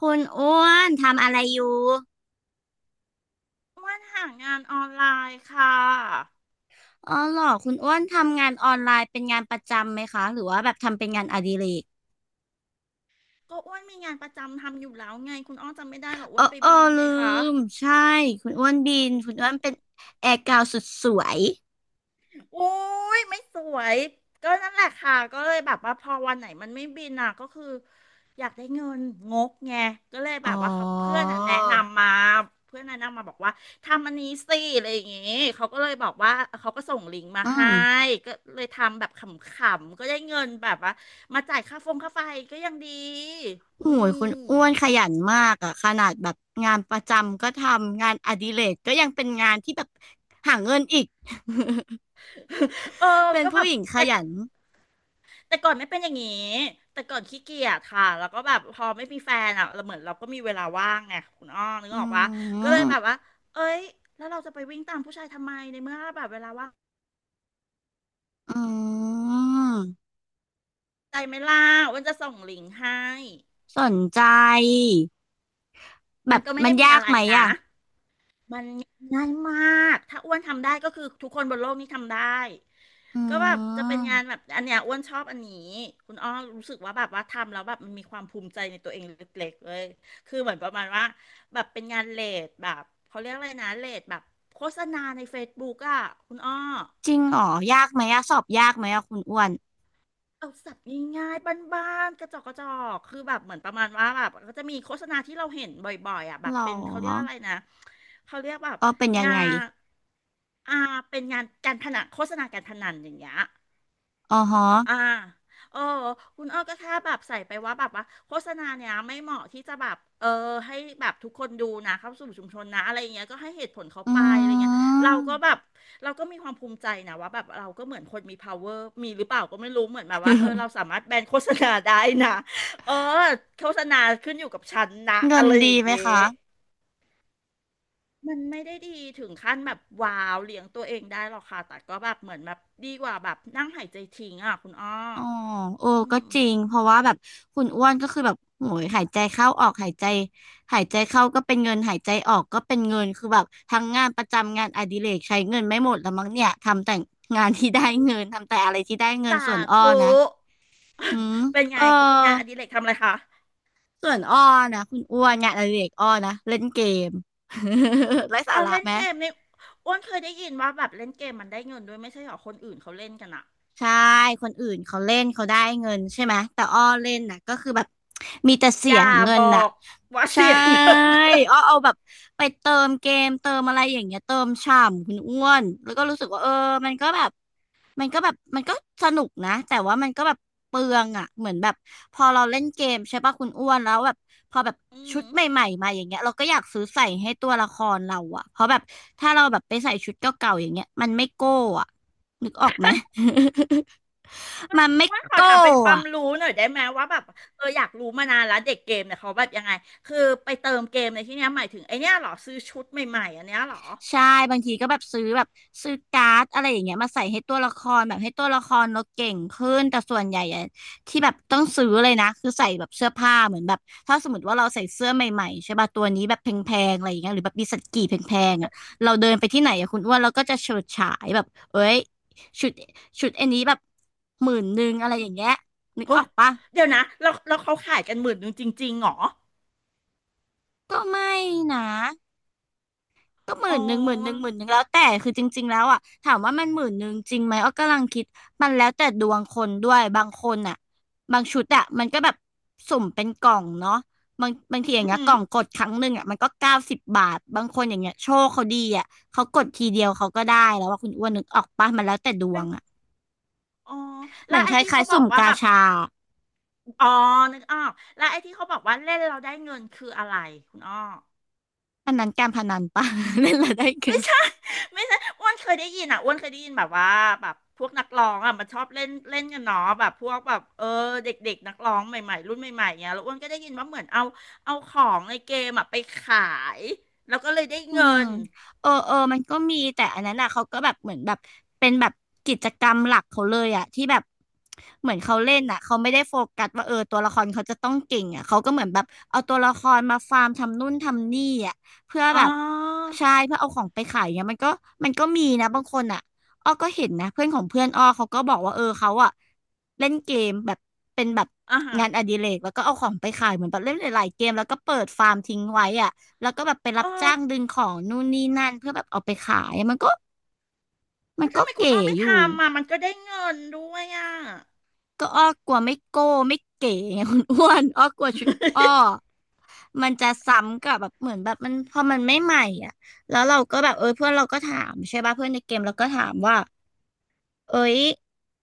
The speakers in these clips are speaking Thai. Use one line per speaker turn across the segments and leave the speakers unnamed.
คุณอ้วนทำอะไรอยู่
อ้วนหางานออนไลน์ค่ะ
อ๋อเหรอคุณอ้วนทำงานออนไลน์เป็นงานประจำไหมคะหรือว่าแบบทำเป็นงานอดิเรก
ก็อ้วนมีงานประจำทำอยู่แล้วไงคุณอ้อจำไม่ได้เหรอ
เอ
อ้
อ
วนไป
เออ
บิน
ลื
ไงคะ
มใช่คุณอ้วนบินคุณอ้
อื
วนเป็น
ม
แอร์กาวสุดสวย
โอุ้ยไม่สวยก็นั่นแหละค่ะก็เลยแบบว่าพอวันไหนมันไม่บินอ่ะก็คืออยากได้เงินงกไงก็เลยแบ
อ๋อ
บว่าเขาเพื่อนอ่ะแนะนำมาเพื่อนแนะนำมาบอกว่าทำอันนี้สิอะไรอย่างงี้เขาก็เลยบอกว่าเขาก็ส่งลิงก์มา
อื
ให้
ม
ก็เลยทำแบบขำๆก็ได้เงินแบบว่ามาจ่ายค่าฟงค่าไฟก็ยังดี
โอ้
อื
ย
ม
คุณอ้วนขยันมากอะขนาดแบบงานประจำก็ทำงานอดิเรกก็ยังเป็นงานที่แบบหาเงินอีก
เออ
เป็น
ก็แบ
ผู้
บ
หญิงข
แต่
ยัน
แต่ก่อนไม่เป็นอย่างนี้ แต่ก่อนขี้เกียจค่ะแล้วก็แบบพอไม่มีแฟนอ่ะเราเหมือนเราก็มีเวลาว่างไงคุณอ้อนึ
อื
กออกปะก็เลยแบบ
ม
ว่า เอ้ยแล้วเราจะไปวิ่งตามผู้ชายทำไม ในเมื่อแบบเวลาว่าง
อืม
ใจไหม่ล่าอ้วันจะส่งลิงก์ให้
สนใจ แบ
มัน
บ
ก็ไม่
มัน
ได้มี
ยา
อะ
ก
ไร
ไหม
นะ
อ่ะ
มันง่ายมาก ถ้าอ้วนทำได้ก็คือทุกคนบนโลกนี้ทำได้
อื
ก็แบบจะเป็นงาน
ม
แบบอันเนี้ยอ้วนชอบอันนี้ คุณอ้อรู้สึกว่าแบบว่าทำแล้วแบบมันมีความภูมิใจในตัวเองเล็กๆเลย คือเหมือนประมาณว่าแบบเป็นงานเลดแบบเขาเรียกอะไรนะเลดแบบโฆษณาใน Facebook อ่ะคุณอ้อ
จริงเหรอยากไหมอ่ะสอบยากไหมอ่ะคุณอ้วน
เอาสัตว์ง่ายๆบ้านๆกระจอกกระจอกคือแบบเหมือนประมาณว่าแบบก็จะมีโฆษณาที่เราเห็นบ่อยๆอ่ะแบ
หร
บ
อ
เป็นเขาเรียกอะไรนะ เขาเรียกแบบ
เออเป็นยัง
งา
ไง
นอ่าเป็นงานการพนันโฆษณาการพนันอย่างเงี้ย
อ๋อฮะ
อ่าเออคุณอ้อก็แค่แบบใส่ไปว่าแบบว่าโฆษณาเนี้ยไม่เหมาะที่จะแบบเออให้แบบทุกคนดูนะเข้าสู่ชุมชนนะอะไรอย่างเงี้ยก็ให้เหตุผลเขา
อื
ไปอะไรเงี้ยเราก็แบ
ม
บเราก็มีความภูมิใจนะว่าแบบเราก็เหมือนคนมี power มีหรือเปล่าก็ไม่รู้เหมือนแบบว่าเออเราสามารถแบนโฆษณาได้นะเออโฆษณาขึ้นอยู่กับฉันนะ
เงิ
อะ
น
ไรอ
ดี
ย่าง
ไหม
เงี้ย
คะ
มันไม่ได้ดีถึงขั้นแบบว้าวเลี้ยงตัวเองได้หรอกค่ะแต่ก็แบบเหมือนแบบดีกว่าแบบนั่งหายใจทิ้งอ่ะคุณอ้อ
อ๋อโอ้
อื
ก็
ม
จริงเพราะว่าแบบคุณอ้วนก็คือแบบโหยหายใจเข้าออกหายใจหายใจเข้าก็เป็นเงินหายใจออกก็เป็นเงินคือแบบทั้งงานประจำงานอดิเรกใช้เงินไม่หมดแล้วมั้งเนี่ยทำแต่งานที่ได้เงินทำแต่อะไรที่ได้เงิน
สา
ส่วนอ้อ
ธุ
นะ อืม
เป็นไง
เออ
คุณงานอดิเรกทำอะไรคะ
ส่วนอ้อนะคุณอ้วนงานอดิเรกอ้อนะเล่นเกม ไร้สา
เอา
ระ
เล่น
ไหม
เกมนี่อ้วนเคยได้ยินว่าแบบเล่นเกมมันได้เงินด้วยไม่ใช่เหรอคนอื่นเขาเล่นกันอะ
ใช่คนอื่นเขาเล่นเขาได้เงินใช่ไหมแต่อ้อเล่นน่ะก็คือแบบมีแต่เสี
อย่า
ยเงิ
บ
น
อ
น่ะ
กว่า
ใช่
เสียเงิน
อ้อเอาแบบไปเติมเกมเติมอะไรอย่างเงี้ยเติมฉ่ำคุณอ้วนแล้วก็รู้สึกว่าเออมันก็แบบ มันก็สนุกนะแต่ว่ามันก็แบบเปลืองอ่ะเหมือนแบบพอเราเล่นเกมใช่ป่ะคุณอ้วนแล้วแบบพอแบบ
อื
ชุ
ม
ดใหม่ๆมาอย่างเงี้ยเราก็อยากซื้อใส่ให้ตัวละครเราอ่ะเพราะแบบถ้าเราแบบไปใส่ชุดเก่าๆอย่างเงี้ยมันไม่โก้อ่ะนึกออกไหม มันไม่
ว่าขอถา
โก้
มเป็นความ
อ่ะ
รู้หน่อยได้ไหมว่าแบบเอออยากรู้มานานแล้วเด็กเกมเนี่ยเขาแบบยังไงคือไปเติมเกมในที่เนี้ยหมายถึงไอเนี้ยเหรอซื้อชุดใหม่ๆอันเนี้ยเหรอ
ใช่บางทีก็แบบซื้อแบบซื้อการ์ดอะไรอย่างเงี้ยมาใส่ให้ตัวละครแบบให้ตัวละครเราเก่งขึ้นแต่ส่วนใหญ่อะที่แบบต้องซื้อเลยนะคือใส่แบบเสื้อผ้าเหมือนแบบถ้าสมมติว่าเราใส่เสื้อใหม่ๆใช่ป่ะตัวนี้แบบแพงๆอะไรอย่างเงี้ยหรือแบบมีสักกี่แพงๆอ่ะเราเดินไปที่ไหนอะคุณอ้วนเราก็จะเฉิดฉายแบบเอ้ยชุดชุดอันนี้แบบหมื่นหนึ่งอะไรอย่างเงี้ยนึก
เฮ้
ออ
ย
กปะ
เดี๋ยวนะแล้วเขาขายกันหมื่นหนึ่งจริงๆเหรอ
ก็ไม่นะ ก็หมื่
อ๋
นหนึ่งหมื่นหนึ่ง
อ
หมื่นหนึ่งแล้วแต่คือจริงๆแล้วอ่ะถามว่ามันหมื่นหนึ่งจริงไหมอ้อกำลังคิดมันแล้วแต่ดวงคนด้วยบางคนอ่ะบางชุดอ่ะมันก็แบบสุ่มเป็นกล่องเนาะบางทีอย่า
อื
งเงี้ยก
ม
ล่องกดครั้งหนึ่งอ่ะมันก็90 บาทบางคนอย่างเงี้ยโชคเขาดีอ่ะเขากดทีเดียวเขาก็ได้แล้วว่าคุณอ้วนนึกออกปะมันแล้วแต่ดว
เป็น
งอ่ะ
อ๋อ
เห
แล้
มื
ว
อนค
ไอ้ที่
ล้า
เขา
ยๆ
บอ
สุ่
ก
ม
ว่า
กา
แบบ
ชา
อ๋อนึกออกแล้วไอ้ที่เขาบอกว่าเล่นเราได้เงินคืออะไรคุณอ้อ
อันนั้นการพนันปะ เล่ นแล้วได้เงิ
ไม่
น
ใช่ ไม่ใช่อ้วนเคยได้ยินอ่ะอ้วนเคยได้ยินแบบว่าแบบพวกนักร้องอ่ะมันชอบเล่นเล่นกันเนาะแบบพวกแบบเออเด็กๆนักร้องใหม่ๆรุ่นใหม่ๆเงี้ยแล้วอ้วนก็ได้ยินว่าเหมือนเอาเอาของในเกมอ่ะไปขายแล้วก็เลยได้
อื
เงิ
ม
น
เออเออมันก็มีแต่อันนั้นอ่ะเขาก็แบบเหมือนแบบเป็นแบบกิจกรรมหลักเขาเลยอ่ะที่แบบเหมือนเขาเล่นอ่ะเขาไม่ได้โฟกัสว่าเออตัวละครเขาจะต้องเก่งอ่ะเขาก็เหมือนแบบเอาตัวละครมาฟาร์มทำนู่นทำนี่อ่ะเพื่อ
อ๋
แบ
อ
บใช่เพื่อเอาของไปขายเนี่ยมันก็มันก็มีนะบางคนอ่ะอ้อก็เห็นนะเพื่อนของเพื่อนอ้อเขาก็บอกว่าเออเขาอ่ะเล่นเกมแบบเป็นแบบ
อ่าฮะ
งานอดิเรกแล้วก็เอาของไปขายเหมือนแบบเล่นหลายๆเกมแล้วก็เปิดฟาร์มทิ้งไว้อ่ะ แล้วก็แบบไปรั
เอ
บ
อ
จ้างดึงของนู่นนี่นั่นเพื่อแบบเอาไปขายมันก็มัน
แล้ว
ก็
ทำไมคุณ
เก๋
อ้อไม่
อยู่
ทำอ่ะมันก็ได้เงินด้วยอ่ะ
ก็อ้อกลัวไม่โก้ไม่เก๋ไงคุณอ้วน อ้อกลัวชุดอ้อมันจะซ้ำกับแบบเหมือนแบบมันพอมันไม่ใหม่อ่ะแล้วเราก็แบบเออเพื่อนเราก็ถามใช่ป่ะเพื่อนในเกมเราก็ถามว่าเอ้ย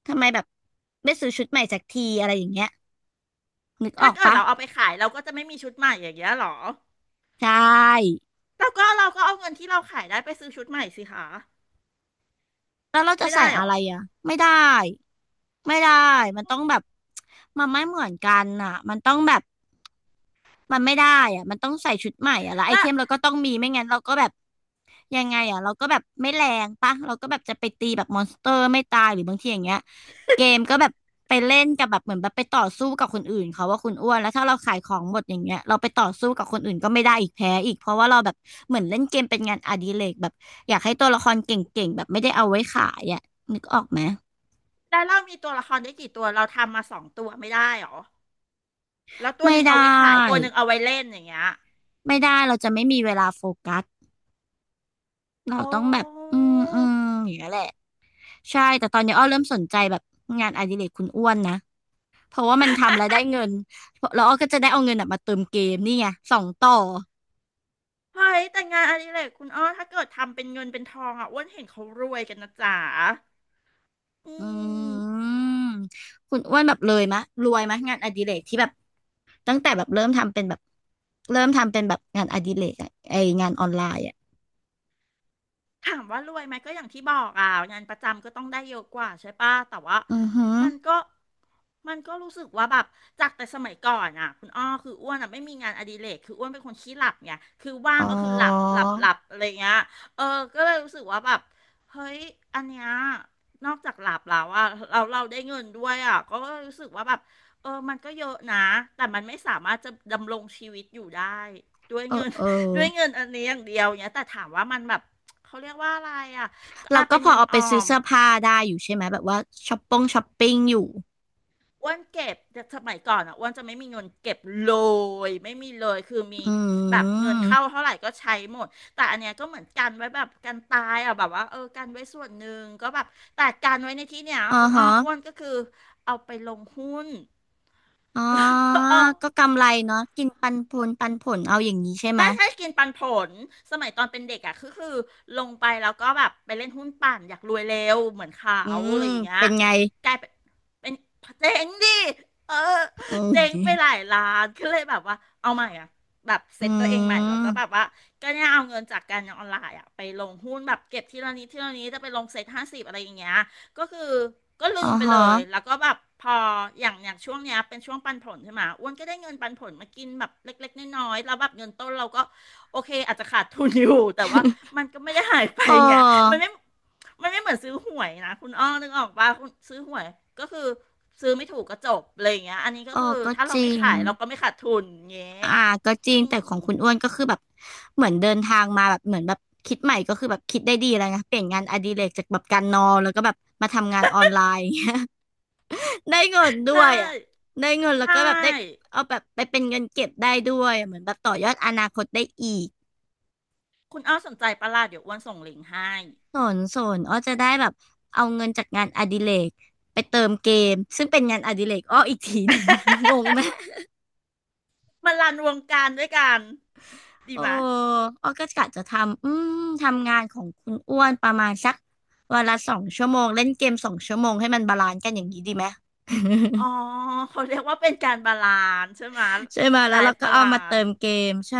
ทำไมแบบไม่ซื้อชุดใหม่สักทีอะไรอย่างเงี้ยนึกอ
ถ้า
อก
เกิด
ปะ
เราเอาไปขายเราก็จะไม่มีชุดใหม่อย่างเงี้ยหรอ
ใช่
แล้วก็เราก็เอาเงินที่เราขายได้ไปซื้อชุดใหม่สิคะ
แล้วเราจะ
ไม่
ใส่
ได้หร
อะ
อ
ไรอ่ะไม่ได้ไม่ได้มันต้องแบบมันไม่เหมือนกันอ่ะมันต้องแบบ มันไม่ได้อ่ะมันต้องใส่ชุดใหม่อ่ะแล้วไอ
และ
เทมเราก็ต้องมีไม่งั้นเราก็แบบยังไงอ่ะเราก็แบบไม่แรงปะเราก็แบบจะไปตีแบบมอนสเตอร์ไม่ตายหรือบางทีอย่างเงี้ยเกมก็แบบไปเล่นกับแบบเหมือนแบบไปต่อสู้กับคนอื่นเขาว่าคุณอ้วนแล้วถ้าเราขายของหมดอย่างเงี้ยเราไปต่อสู้กับคนอื่นก็ไม่ได้อีกแพ้อีกเพราะว่าเราแบบเหมือนเล่นเกมเป็นงานอดิเรกแบบอยากให้ตัวละครเก่งๆแบบไม่ได้เอาไว้ขายอ่ะนึกออกไหม
แล้วเรามีตัวละครได้กี่ตัวเราทำมาสองตัวไม่ได้หรอแล้วตัว
ไม่
หนึ่ง
ได
เอาไว้ขายตัว
้
หนึ่งเอาไว้เล่นอย่างเงี้ย
ไม่ได้เราจะไม่มีเวลาโฟกัสเรา
โอ
ต้องแบบ
้
อย่างเงี้ยแหละ ใช่แต่ตอนนี้อ้อเริ่มสนใจแบบงานอดิเรกคุณอ้วนนะเพราะว่ามันทำแล้วได้เงินแล้วอ้อก็จะได้เอาเงินน่ะมาเติมเกมนี่ไงสองต่อ
เฮ้ยแต่งานอดิเรกคุณอ้อถ้าเกิดทำเป็นเงินเป็นทองอ่ะอ้วนเห็นเขารวยกันนะจ๋าอื
อื
ม
มคุณอ้วนแบบเลยมะรวยมะงานอดิเรกที่แบบตั้งแต่แบบเริ่มทำเป็นแบบเริ่มทำเป็นแบบงานอดิเรกอะไองานออนไลน์อะ
ถามว่ารวยไหมก็อย่างที่บอกอ่ะงานประจำก็ต้องได้เยอะกว่าใช่ปะแต่ว่า
อือหือ
มันก็มันก็รู้สึกว่าแบบจากแต่สมัยก่อนอ่ะคุณอ้อคืออ้วนอ่ะไม่มีงานอดิเรกคืออ้วนเป็นคนขี้หลับไงคือว่า
อ๋
ง
อ
ก็คือหลับอะไรเงี้ยเออก็เลยรู้สึกว่าแบบเฮ้ยอันเนี้ยนอกจากหลับแล้วอ่ะเราได้เงินด้วยอ่ะก็รู้สึกว่าแบบเออมันก็เยอะนะแต่มันไม่สามารถจะดำรงชีวิตอยู่ได้ด้วย
เออ
เงิน
เออ
ด้วยเงินอันนี้อย่างเดียวเนี้ยแต่ถามว่ามันแบบ เขาเรียกว่าอะไรอ่ะก็
เรา
อ่ะ
ก็
เป็น
พอ
เงิน
เอา
อ
ไป
อ
ซื้อ
ม
เสื้อผ้าได้อยู่ใช่ไหมแบบว่าช้อปปิ้งอยู่
อ้วนเก็บแต่สมัยก่อนอ่ะอ้วนจะไม่มีเงินเก็บเลยไม่มีเลยคือมี
อื
แบบเงินเข้า
ม
เท่าไหร่ก็ใช้หมดแต่อันเนี้ยก็เหมือนกันไว้แบบกันตายอ่ะแบบว่าเออกันไว้ส่วนหนึ่งก็แบบแต่การไว้ในที่เนี้ย
อ๋อ
คุณอ้
ฮะ
ออ้วนก็คือเอาไปลงหุ้น
อ๋อ
เออ
ก็กำไรเนาะกินปันผลปันผลเอาอย่างนี้ใช่ไหม
ใช่ใช่กินปันผลสมัยตอนเป็นเด็กอ่ะคือลงไปแล้วก็แบบไปเล่นหุ้นปั่นอยากรวยเร็วเหมือนเขา
อืม
อะไรอย่างเงี้ย
เป็นไง
กลายเป็นเจ๊งดิเออ
โอ้
เจ๊ง
ย
ไปหลายล้านก็เลยแบบว่าเอาใหม่อ่ะแบบ
อื
เซ็ตตัวเองใหม่แล้วก็แบ
ม
บว่าก็เนี่ยเอาเงินจากการออนไลน์อ่ะไปลงหุ้นแบบเก็บทีละนิดทีละนิดจะไปลงเซ็ต50อะไรอย่างเงี้ย ก็คือก็
อ๋
ลื
อ
มไปเล
ฮะ
ยแล้วก็แบบพออย่างช่วงเนี้ยเป็นช่วงปันผลใช่ไหมอ้วนก็ได้เงินปันผลมากินแบบเล็กๆน้อยๆแล้วแบบเงินต้นเราก็โอเคอาจจะขาดทุนอยู่ แต่ว่ามันก็ไม่ได้หายไป
เ
ไงมัน
ออ
ไม่มันไม่เหมือนซื้อหวยนะคุณอ้อนึกออกปะคุณซื้อหวยก็คือซื้อไม่ถูกก็จบอะไรอย่างเงี้ยอันนี้ก็
เออ
คือ
ก็
ถ้า
จ
เรา
ริ
ไม่
ง
ขายเราก็ไม่ขาดทุนเงี้ย
อ่าก็จริง
อื
แต่
ม
ของคุณอ้วนก็คือแบบ เหมือนเดินทางมาแบบเหมือนแบบคิดใหม่ก็คือแบบคิดได้ดีแล้วนะเปลี่ยนงานอดิเรกจากแบบการนอนแล้วก็แบบมาทำงานออนไลน์ อย่างเงี้ย ได้เงินด้
ใช่
วยอ่ะได้เงินแล้
ใช
วก็แบบได้
่
เอาแบบไปเป็นเงินเก็บได้ด้วย เหมือนแบบต่อยอดอนาคตได้อีก
คุณอ้อสนใจประหลาดเดี๋ยวอ้วนส่งลิงก์ให้
สนสนอ้อจะได้แบบเอาเงินจากงานอดิเรกไปเติมเกมซึ่งเป็นงานอดิเรกอ้ออีกทีหนึ่ง งงไหม
มันรันวงการด้วยกัน ดี
โอ้
ไหม
อ้อก็กะจะทำอืมทำงานของคุณอ้วนประมาณสักวันละสองชั่วโมงเล่นเกมสองชั่วโมงให้มันบาลานซ์กันอย่างนี้ดีไหม
อ๋อ เขาเรียกว่าเป็นการบาลานซ์ใช่ไหม
ใช่ไหม
ไล
แล้วเรา
ฟ์
ก็
บา
เอา
ลา
มาเติ
นซ์
มเกมใช่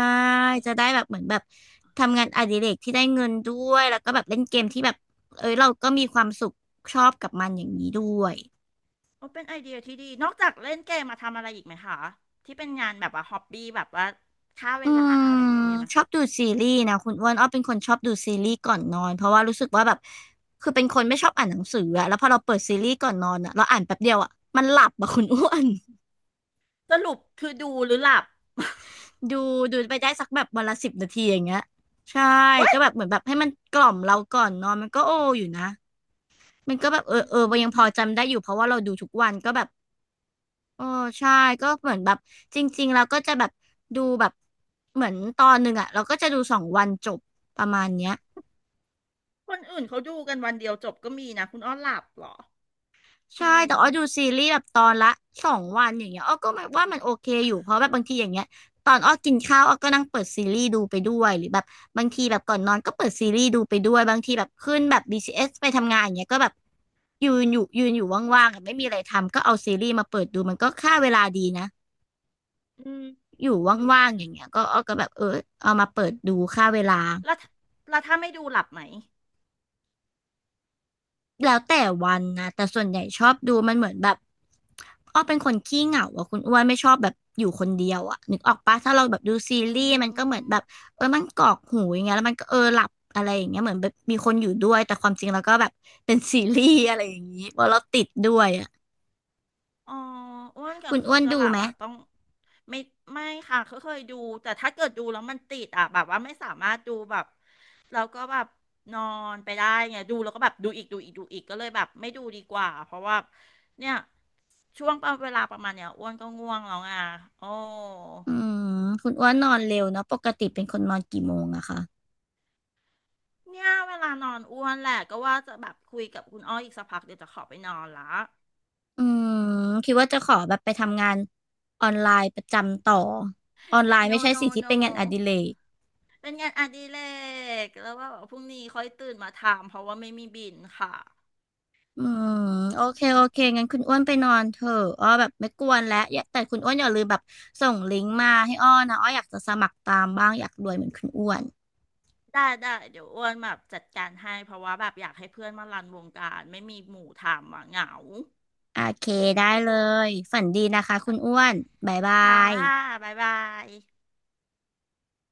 จะได้แบบเหมือนแบบทำงานอดิเรกที่ได้เงินด้วยแล้วก็แบบเล่นเกมที่แบบเอ้ยเราก็มีความสุขชอบกับมันอย่างนี้ด้วย
ก็เป็นไอเดียที่ดี นอกจากเล่นเกมมาทำอะไรอีกไหมคะ ที่เป็นงานแบบว่าฮอบบี้แบบว่าฆ่าเว
อื
ลาอะ
ม
ไรอย่างเงี้ยมีไหม
ชอบดูซีรีส์นะคุณอ้วนอ้อเป็นคนชอบดูซีรีส์ก่อนนอนเพราะว่ารู้สึกว่าแบบคือเป็นคนไม่ชอบอ่านหนังสืออะแล้วพอเราเปิดซีรีส์ก่อนนอนอะเราอ่านแป๊บเดียวอะมันหลับอะคุณอ้วน
สรุปคือดูหรือหลับ
ดูดูไปได้สักแบบวันละ10 นาทีอย่างเงี้ยใช่
เว้าย
ก็แบบเหมือนแบบให้มันกล่อมเราก่อนนอนมันก็โออยู่นะมันก็แบบเอ อ
อื
เออยัง
ม
พอจำได้อยู่เพราะว่าเราดูทุกวันก็แบบโอ้ใช่ก็เหมือนแบบจริงๆเราก็จะแบบดูแบบเหมือนตอนหนึ่งอะเราก็จะดูสองวันจบประมาณเนี้ย
คนอื่นเขาดูกันวันเดียวจบก็มีนะคุณอ้อหลับเหรอ อื
ใช่แต่
ม
อ้อดูซีรีส์แบบตอนละสองวันอย่างเงี้ยอ้อก็แบบว่ามันโอเคอยู่เพราะแบบบางทีอย่างเงี้ยตอนอ้อกินข้าวอ้อก็นั่งเปิดซีรีส์ดูไปด้วยหรือแบบบางทีแบบก่อนนอนก็เปิดซีรีส์ดูไปด้วยบางทีแบบขึ้นแบบBCSไปทำงานอย่างเงี้ยก็แบบยืนอยู่ว่างๆอะไม่มีอะไรทำก็เอาซีรีส์มาเปิดดูมันก็ฆ่าเวลาดีนะ
อืม
อยู่ว่างๆอย่างเงี้ยก็อ้อก็แบบเออเอามาเปิดดูฆ่าเวลา
แล้วถ้าแล้วถ้าไม่ดูหลับไหม
แล้วแต่วันนะแต่ส่วนใหญ่ชอบดูมันเหมือนแบบอ้อเป็นคนขี้เหงาอะคุณอ้วนไม่ชอบแบบอยู่คนเดียวอะนึกออกปะถ้าเราแบบดูซี
อื
รีส์มันก็เหมือนแบบ
ม
เออมันกรอกหูอย่างเงี้ยแล้วมันก็เออหลับอะไรอย่างเงี้ยเหมือนแบบมีคนอยู่ด้วยแต่ความจริงแล้วก็แบบเป็นซีรีส์อะไรอย่างงี้เพราะเราติดด้วยอะ
อ๋ออ้วนก็
คุณ
คือ
อ้วน
จะห
ดู
ลับ
ไหม
อ่ะต้องไม่ไม่ค่ะเคยดูแต่ถ้าเกิดดูแล้วมันติดอ่ะแบบว่าไม่สามารถดูแบบแล้วก็แบบนอนไปได้ไงดูแล้วก็แบบดูอีกดูอีกดูอีกก็เลยแบบไม่ดูดีกว่าเพราะว่าเนี่ยช่วงเวลาประมาณเนี้ยอ้วนก็ง่วงแล้วไงโอ้
อืมคุณอ้วนนอนเร็วเนาะปกติเป็นคนนอนกี่โมงอะคะ
เนี่ยเวลานอนอ้วนแหละก็ว่าจะแบบคุยกับคุณอ้อยอีกสักพักเดี๋ยวจะขอไปนอนละ
อืมคิดว่าจะขอแบบไปทำงานออนไลน์ประจำต่อออนไลน์ไม่
no
ใช่สิ
no
ที่เป็นงานอดิ
no
เรก
เป็นงานอดิเรกแล้วว่าแบบพรุ่งนี้ค่อยตื่นมาทำเพราะว่าไม่มีบินค่ะ
อืม
อ
โอเค
ื
โอเค
ม
งั้นคุณอ้วนไปนอนเถอะอ้อแบบไม่กวนแล้วอย่าแต่คุณอ้วนอย่าลืมแบบส่งลิงก์มาให้อ้อนะอ้ออยากจะสมัครตามบ้างอยากรวยเหมือนคุณอ้วน
ได้ได้เดี๋ยวอ้วนแบบจัดการให้เพราะว่าแบบอยากให้เพื่อนมารันวงการไม่มีหมู่ทำอ่ะเหงา
โอเคได้เลยฝันดีนะคะคุณอ้วนบ๊ายบา
ค่ะ
ย
บ๊ายบาย